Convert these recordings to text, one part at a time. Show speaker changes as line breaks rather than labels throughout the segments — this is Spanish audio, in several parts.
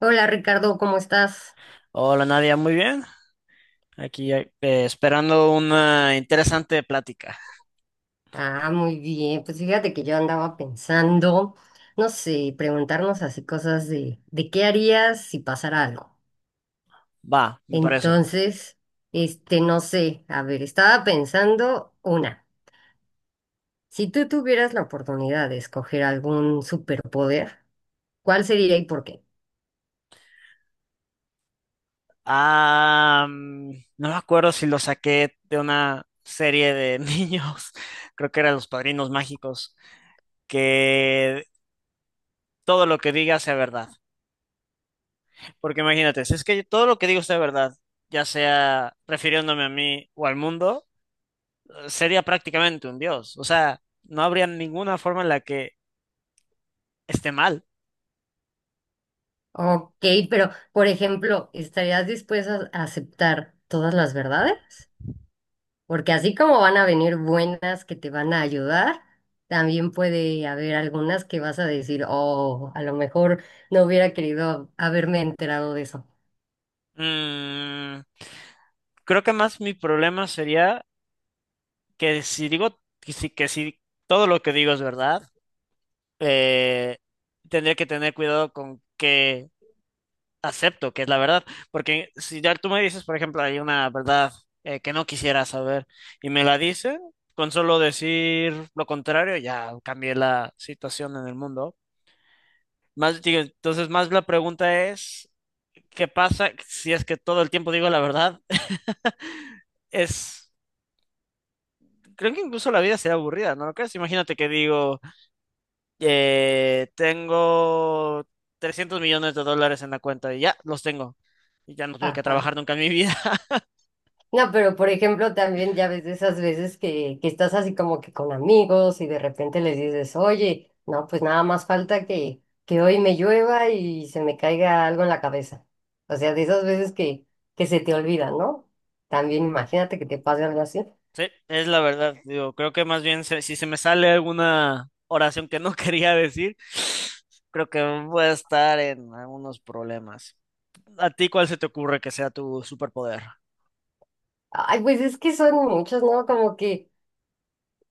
Hola Ricardo, ¿cómo estás?
Hola Nadia, muy bien. Aquí esperando una interesante plática.
Ah, muy bien. Pues fíjate que yo andaba pensando, no sé, preguntarnos así cosas de qué harías si pasara algo.
Va, me parece.
Entonces, este, no sé, a ver, estaba pensando una, si tú tuvieras la oportunidad de escoger algún superpoder, ¿cuál sería y por qué?
Ah, mm, no me acuerdo si lo saqué de una serie de niños, creo que eran Los Padrinos Mágicos, que todo lo que diga sea verdad. Porque imagínate, si es que todo lo que digo sea verdad, ya sea refiriéndome a mí o al mundo, sería prácticamente un dios. O sea, no habría ninguna forma en la que esté mal.
Ok, pero por ejemplo, ¿estarías dispuesta a aceptar todas las verdades? Porque así como van a venir buenas que te van a ayudar, también puede haber algunas que vas a decir, oh, a lo mejor no hubiera querido haberme enterado de eso.
Mm, creo que más mi problema sería que si digo, que si todo lo que digo es verdad, eh, tendría que tener cuidado con qué acepto, que es la verdad. Porque si ya tú me dices, por ejemplo, hay una verdad que no quisiera saber y me la dice, con solo decir lo contrario, ya cambié la situación en el mundo. Más, digo, entonces, más la pregunta es, ¿qué pasa si es que todo el tiempo digo la verdad? Es, creo que incluso la vida sería aburrida, ¿no lo crees? Imagínate que digo, tengo 300 millones de dólares en la cuenta y ya los tengo. Y ya no tuve que
Ajá.
trabajar nunca en mi vida.
No, pero por ejemplo, también ya ves de esas veces que estás así como que con amigos y de repente les dices, oye, no, pues nada más falta que hoy me llueva y se me caiga algo en la cabeza. O sea, de esas veces que se te olvida, ¿no? También imagínate que te pase algo así.
Sí, es la verdad. Digo, creo que más bien si se me sale alguna oración que no quería decir, creo que voy a estar en algunos problemas. ¿A ti cuál se te ocurre que sea tu superpoder?
Ay, pues es que son muchos, ¿no? Como que,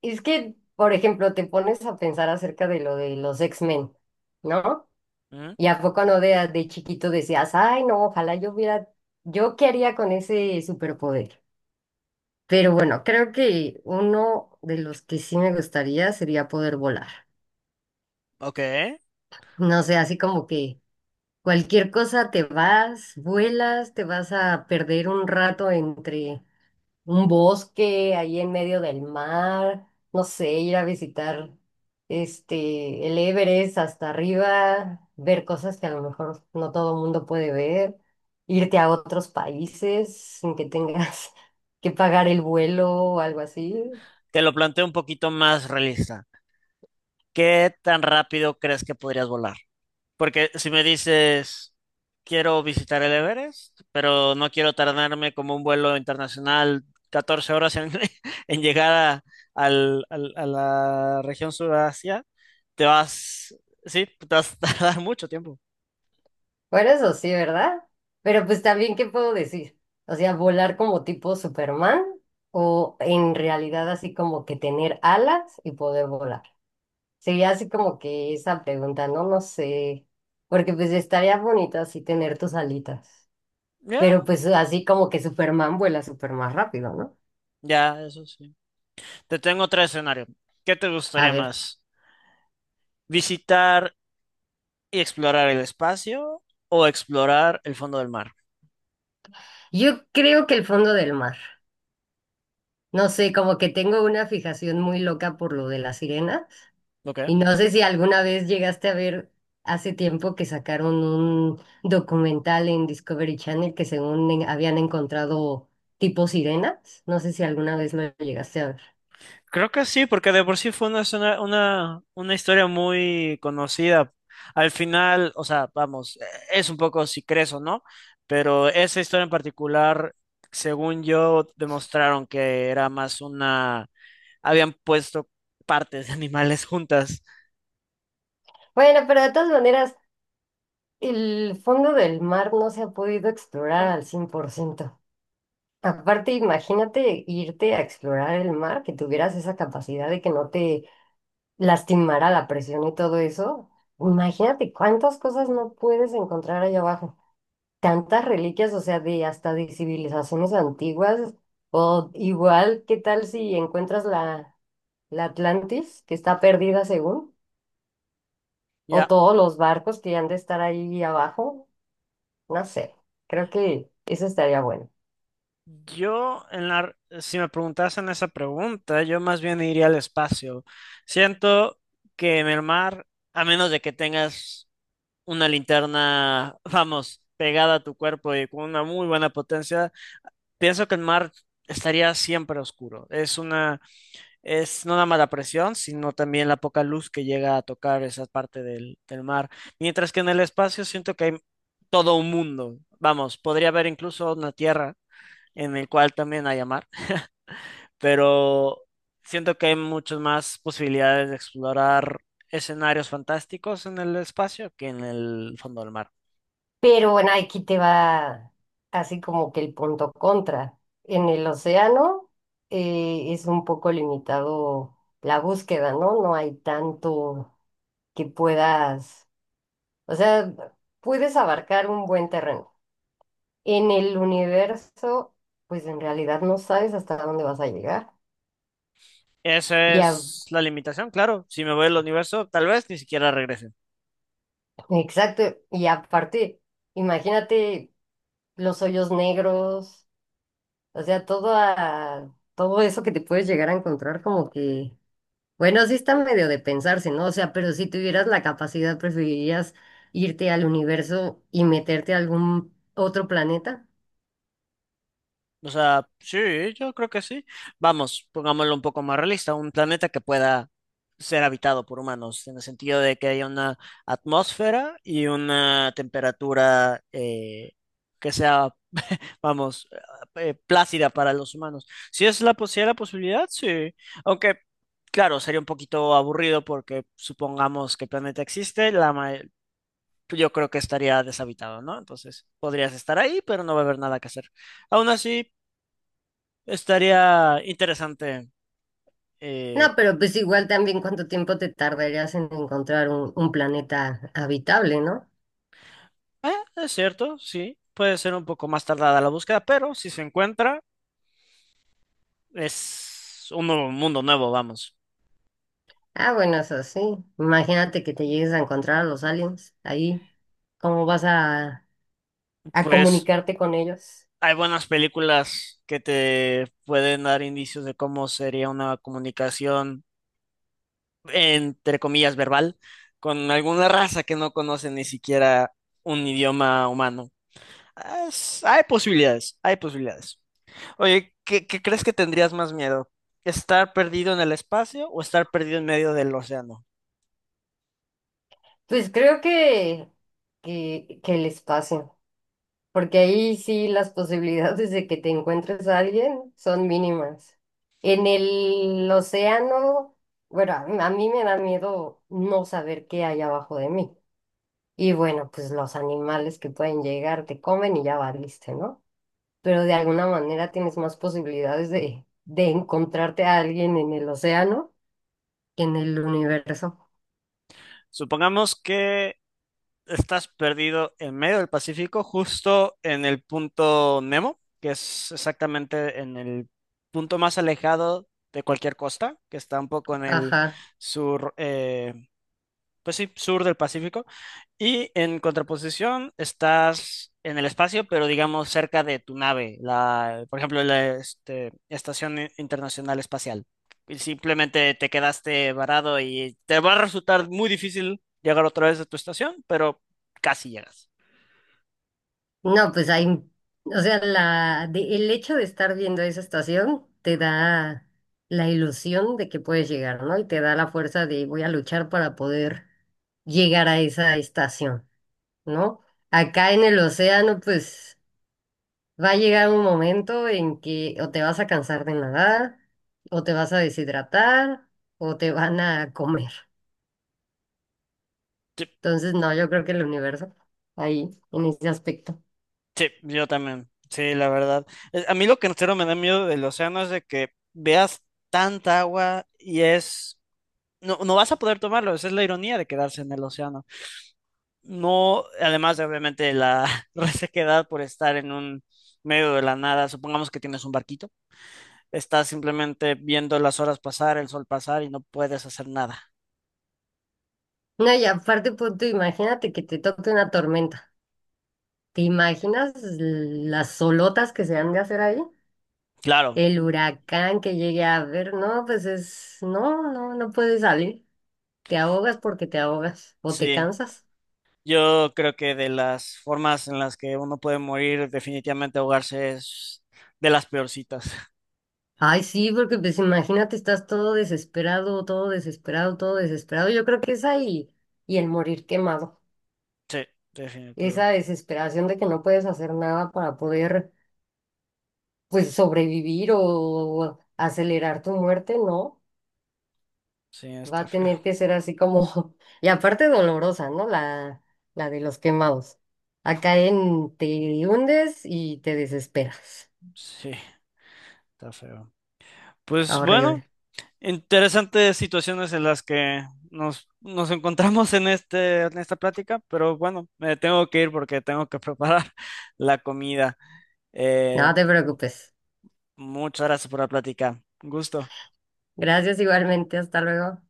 es que, por ejemplo, te pones a pensar acerca de lo de los X-Men, ¿no?
¿Mm?
Y a poco no de chiquito decías, ay, no, ojalá yo hubiera, yo qué haría con ese superpoder. Pero bueno, creo que uno de los que sí me gustaría sería poder volar.
Ok.
No sé, así como que cualquier cosa te vas, vuelas, te vas a perder un rato entre un bosque ahí en medio del mar, no sé, ir a visitar este el Everest hasta arriba, ver cosas que a lo mejor no todo el mundo puede ver, irte a otros países sin que tengas que pagar el vuelo o algo así.
Te lo planteo un poquito más realista. ¿Qué tan rápido crees que podrías volar? Porque si me dices, quiero visitar el Everest, pero no quiero tardarme como un vuelo internacional 14 horas en, en llegar a, a la región Sudasia, te vas, sí, te vas a tardar mucho tiempo.
Bueno, eso sí, ¿verdad? Pero pues también, ¿qué puedo decir? O sea, volar como tipo Superman o en realidad así como que tener alas y poder volar. Sería así como que esa pregunta, ¿no? No sé, porque pues estaría bonito así tener tus alitas, pero
Ya,
pues así como que Superman vuela súper más rápido, ¿no?
ya, eso sí. Te tengo otro escenario. ¿Qué te
A
gustaría
ver,
más? ¿Visitar y explorar el espacio o explorar el fondo del mar?
yo creo que el fondo del mar, no sé, como que tengo una fijación muy loca por lo de la sirena
Ok.
y no sé si alguna vez llegaste a ver hace tiempo que sacaron un documental en Discovery Channel que según en- habían encontrado tipo sirenas, no sé si alguna vez lo llegaste a ver.
Creo que sí, porque de por sí fue una historia muy conocida. Al final, o sea, vamos, es un poco si crees o no, pero esa historia en particular, según yo, demostraron que era más una... Habían puesto partes de animales juntas.
Bueno, pero de todas maneras el fondo del mar no se ha podido explorar al 100%. Aparte, imagínate irte a explorar el mar, que tuvieras esa capacidad de que no te lastimara la presión y todo eso. Imagínate cuántas cosas no puedes encontrar allá abajo. Tantas reliquias, o sea, de hasta de civilizaciones antiguas. O igual, ¿qué tal si encuentras la Atlantis, que está perdida según? O
Ya,
todos los barcos que han de estar ahí abajo. No sé, creo que eso estaría bueno.
yo, en la... si me preguntasen esa pregunta, yo más bien iría al espacio. Siento que en el mar, a menos de que tengas una linterna, vamos, pegada a tu cuerpo y con una muy buena potencia, pienso que el mar estaría siempre oscuro. Es una, es no nada más la presión, sino también la poca luz que llega a tocar esa parte del mar. Mientras que en el espacio siento que hay todo un mundo. Vamos, podría haber incluso una tierra en el cual también haya mar, pero siento que hay muchas más posibilidades de explorar escenarios fantásticos en el espacio que en el fondo del mar.
Pero bueno, aquí te va así como que el punto contra. En el océano es un poco limitado la búsqueda, ¿no? No hay tanto que puedas, o sea, puedes abarcar un buen terreno. En el universo, pues en realidad no sabes hasta dónde vas a llegar.
Esa
Y a-
es la limitación, claro. Si me voy al universo, tal vez ni siquiera regrese.
exacto, y aparte, imagínate los hoyos negros. O sea, todo, todo eso que te puedes llegar a encontrar como que, bueno, sí está medio de pensarse, ¿no? O sea, pero si tuvieras la capacidad, ¿preferirías irte al universo y meterte a algún otro planeta?
O sea, sí, yo creo que sí. Vamos, pongámoslo un poco más realista, un planeta que pueda ser habitado por humanos, en el sentido de que haya una atmósfera y una temperatura que sea, vamos, plácida para los humanos. Si es la, si hay la posibilidad, sí. Aunque claro, sería un poquito aburrido porque supongamos que el planeta existe, yo creo que estaría deshabitado, ¿no? Entonces podrías estar ahí, pero no va a haber nada que hacer. Aún así, estaría interesante. eh,
No, pero pues igual también cuánto tiempo te tardarías en encontrar un planeta habitable, ¿no?
eh, es cierto, sí, puede ser un poco más tardada la búsqueda, pero si se encuentra, es un nuevo mundo nuevo, vamos.
Ah, bueno, eso sí. Imagínate que te llegues a encontrar a los aliens ahí. ¿Cómo vas a
Pues
comunicarte con ellos?
hay buenas películas que te pueden dar indicios de cómo sería una comunicación, entre comillas, verbal, con alguna raza que no conoce ni siquiera un idioma humano. Hay posibilidades, hay posibilidades. Oye, ¿qué crees que tendrías más miedo? ¿Estar perdido en el espacio o estar perdido en medio del océano?
Pues creo que, que el espacio. Porque ahí sí las posibilidades de que te encuentres a alguien son mínimas. En el océano, bueno, a mí me da miedo no saber qué hay abajo de mí. Y bueno, pues los animales que pueden llegar te comen y ya valiste, ¿no? Pero de alguna manera tienes más posibilidades de encontrarte a alguien en el océano que en el universo.
Supongamos que estás perdido en medio del Pacífico, justo en el punto Nemo, que es exactamente en el punto más alejado de cualquier costa, que está un poco en el
Ajá.
sur, pues sí, sur del Pacífico. Y en contraposición estás en el espacio, pero digamos cerca de tu nave, la, por ejemplo, Estación Internacional Espacial. Y simplemente te quedaste varado y te va a resultar muy difícil llegar otra vez a tu estación, pero casi llegas.
No, pues hay, o sea, la, de- el hecho de estar viendo esa estación te da la ilusión de que puedes llegar, ¿no? Y te da la fuerza de voy a luchar para poder llegar a esa estación, ¿no? Acá en el océano, pues va a llegar un momento en que o te vas a cansar de nadar, o te vas a deshidratar, o te van a comer.
Sí,
Entonces, no, yo creo que el universo ahí, en ese aspecto.
sí, yo también. Sí, la verdad. A mí lo que en serio me da miedo del océano es de que veas tanta agua y es... No, no vas a poder tomarlo, esa es la ironía de quedarse en el océano. No, además de obviamente la resequedad por estar en un medio de la nada, supongamos que tienes un barquito, estás simplemente viendo las horas pasar, el sol pasar y no puedes hacer nada.
No, y aparte, punto, imagínate que te toque una tormenta. ¿Te imaginas las solotas que se han de hacer ahí?
Claro,
El huracán que llegue a ver, no, pues es, no, no, no puedes salir. Te ahogas porque te ahogas o te
sí.
cansas.
Yo creo que de las formas en las que uno puede morir, definitivamente ahogarse es de las peorcitas.
Ay, sí, porque pues imagínate, estás todo desesperado, todo desesperado, todo desesperado. Yo creo que es ahí y el morir quemado.
Sí, definitivo.
Esa desesperación de que no puedes hacer nada para poder, pues, sobrevivir o acelerar tu muerte, ¿no?
Sí,
Va
está
a tener
feo.
que ser así como, y aparte dolorosa, ¿no? La de los quemados. Acá en te hundes y te desesperas.
Sí, está feo. Pues bueno,
Horrible.
interesantes situaciones en las que nos encontramos en en esta plática, pero bueno, me tengo que ir porque tengo que preparar la comida.
No
Eh,
te preocupes.
muchas gracias por la plática. Un gusto.
Gracias igualmente. Hasta luego.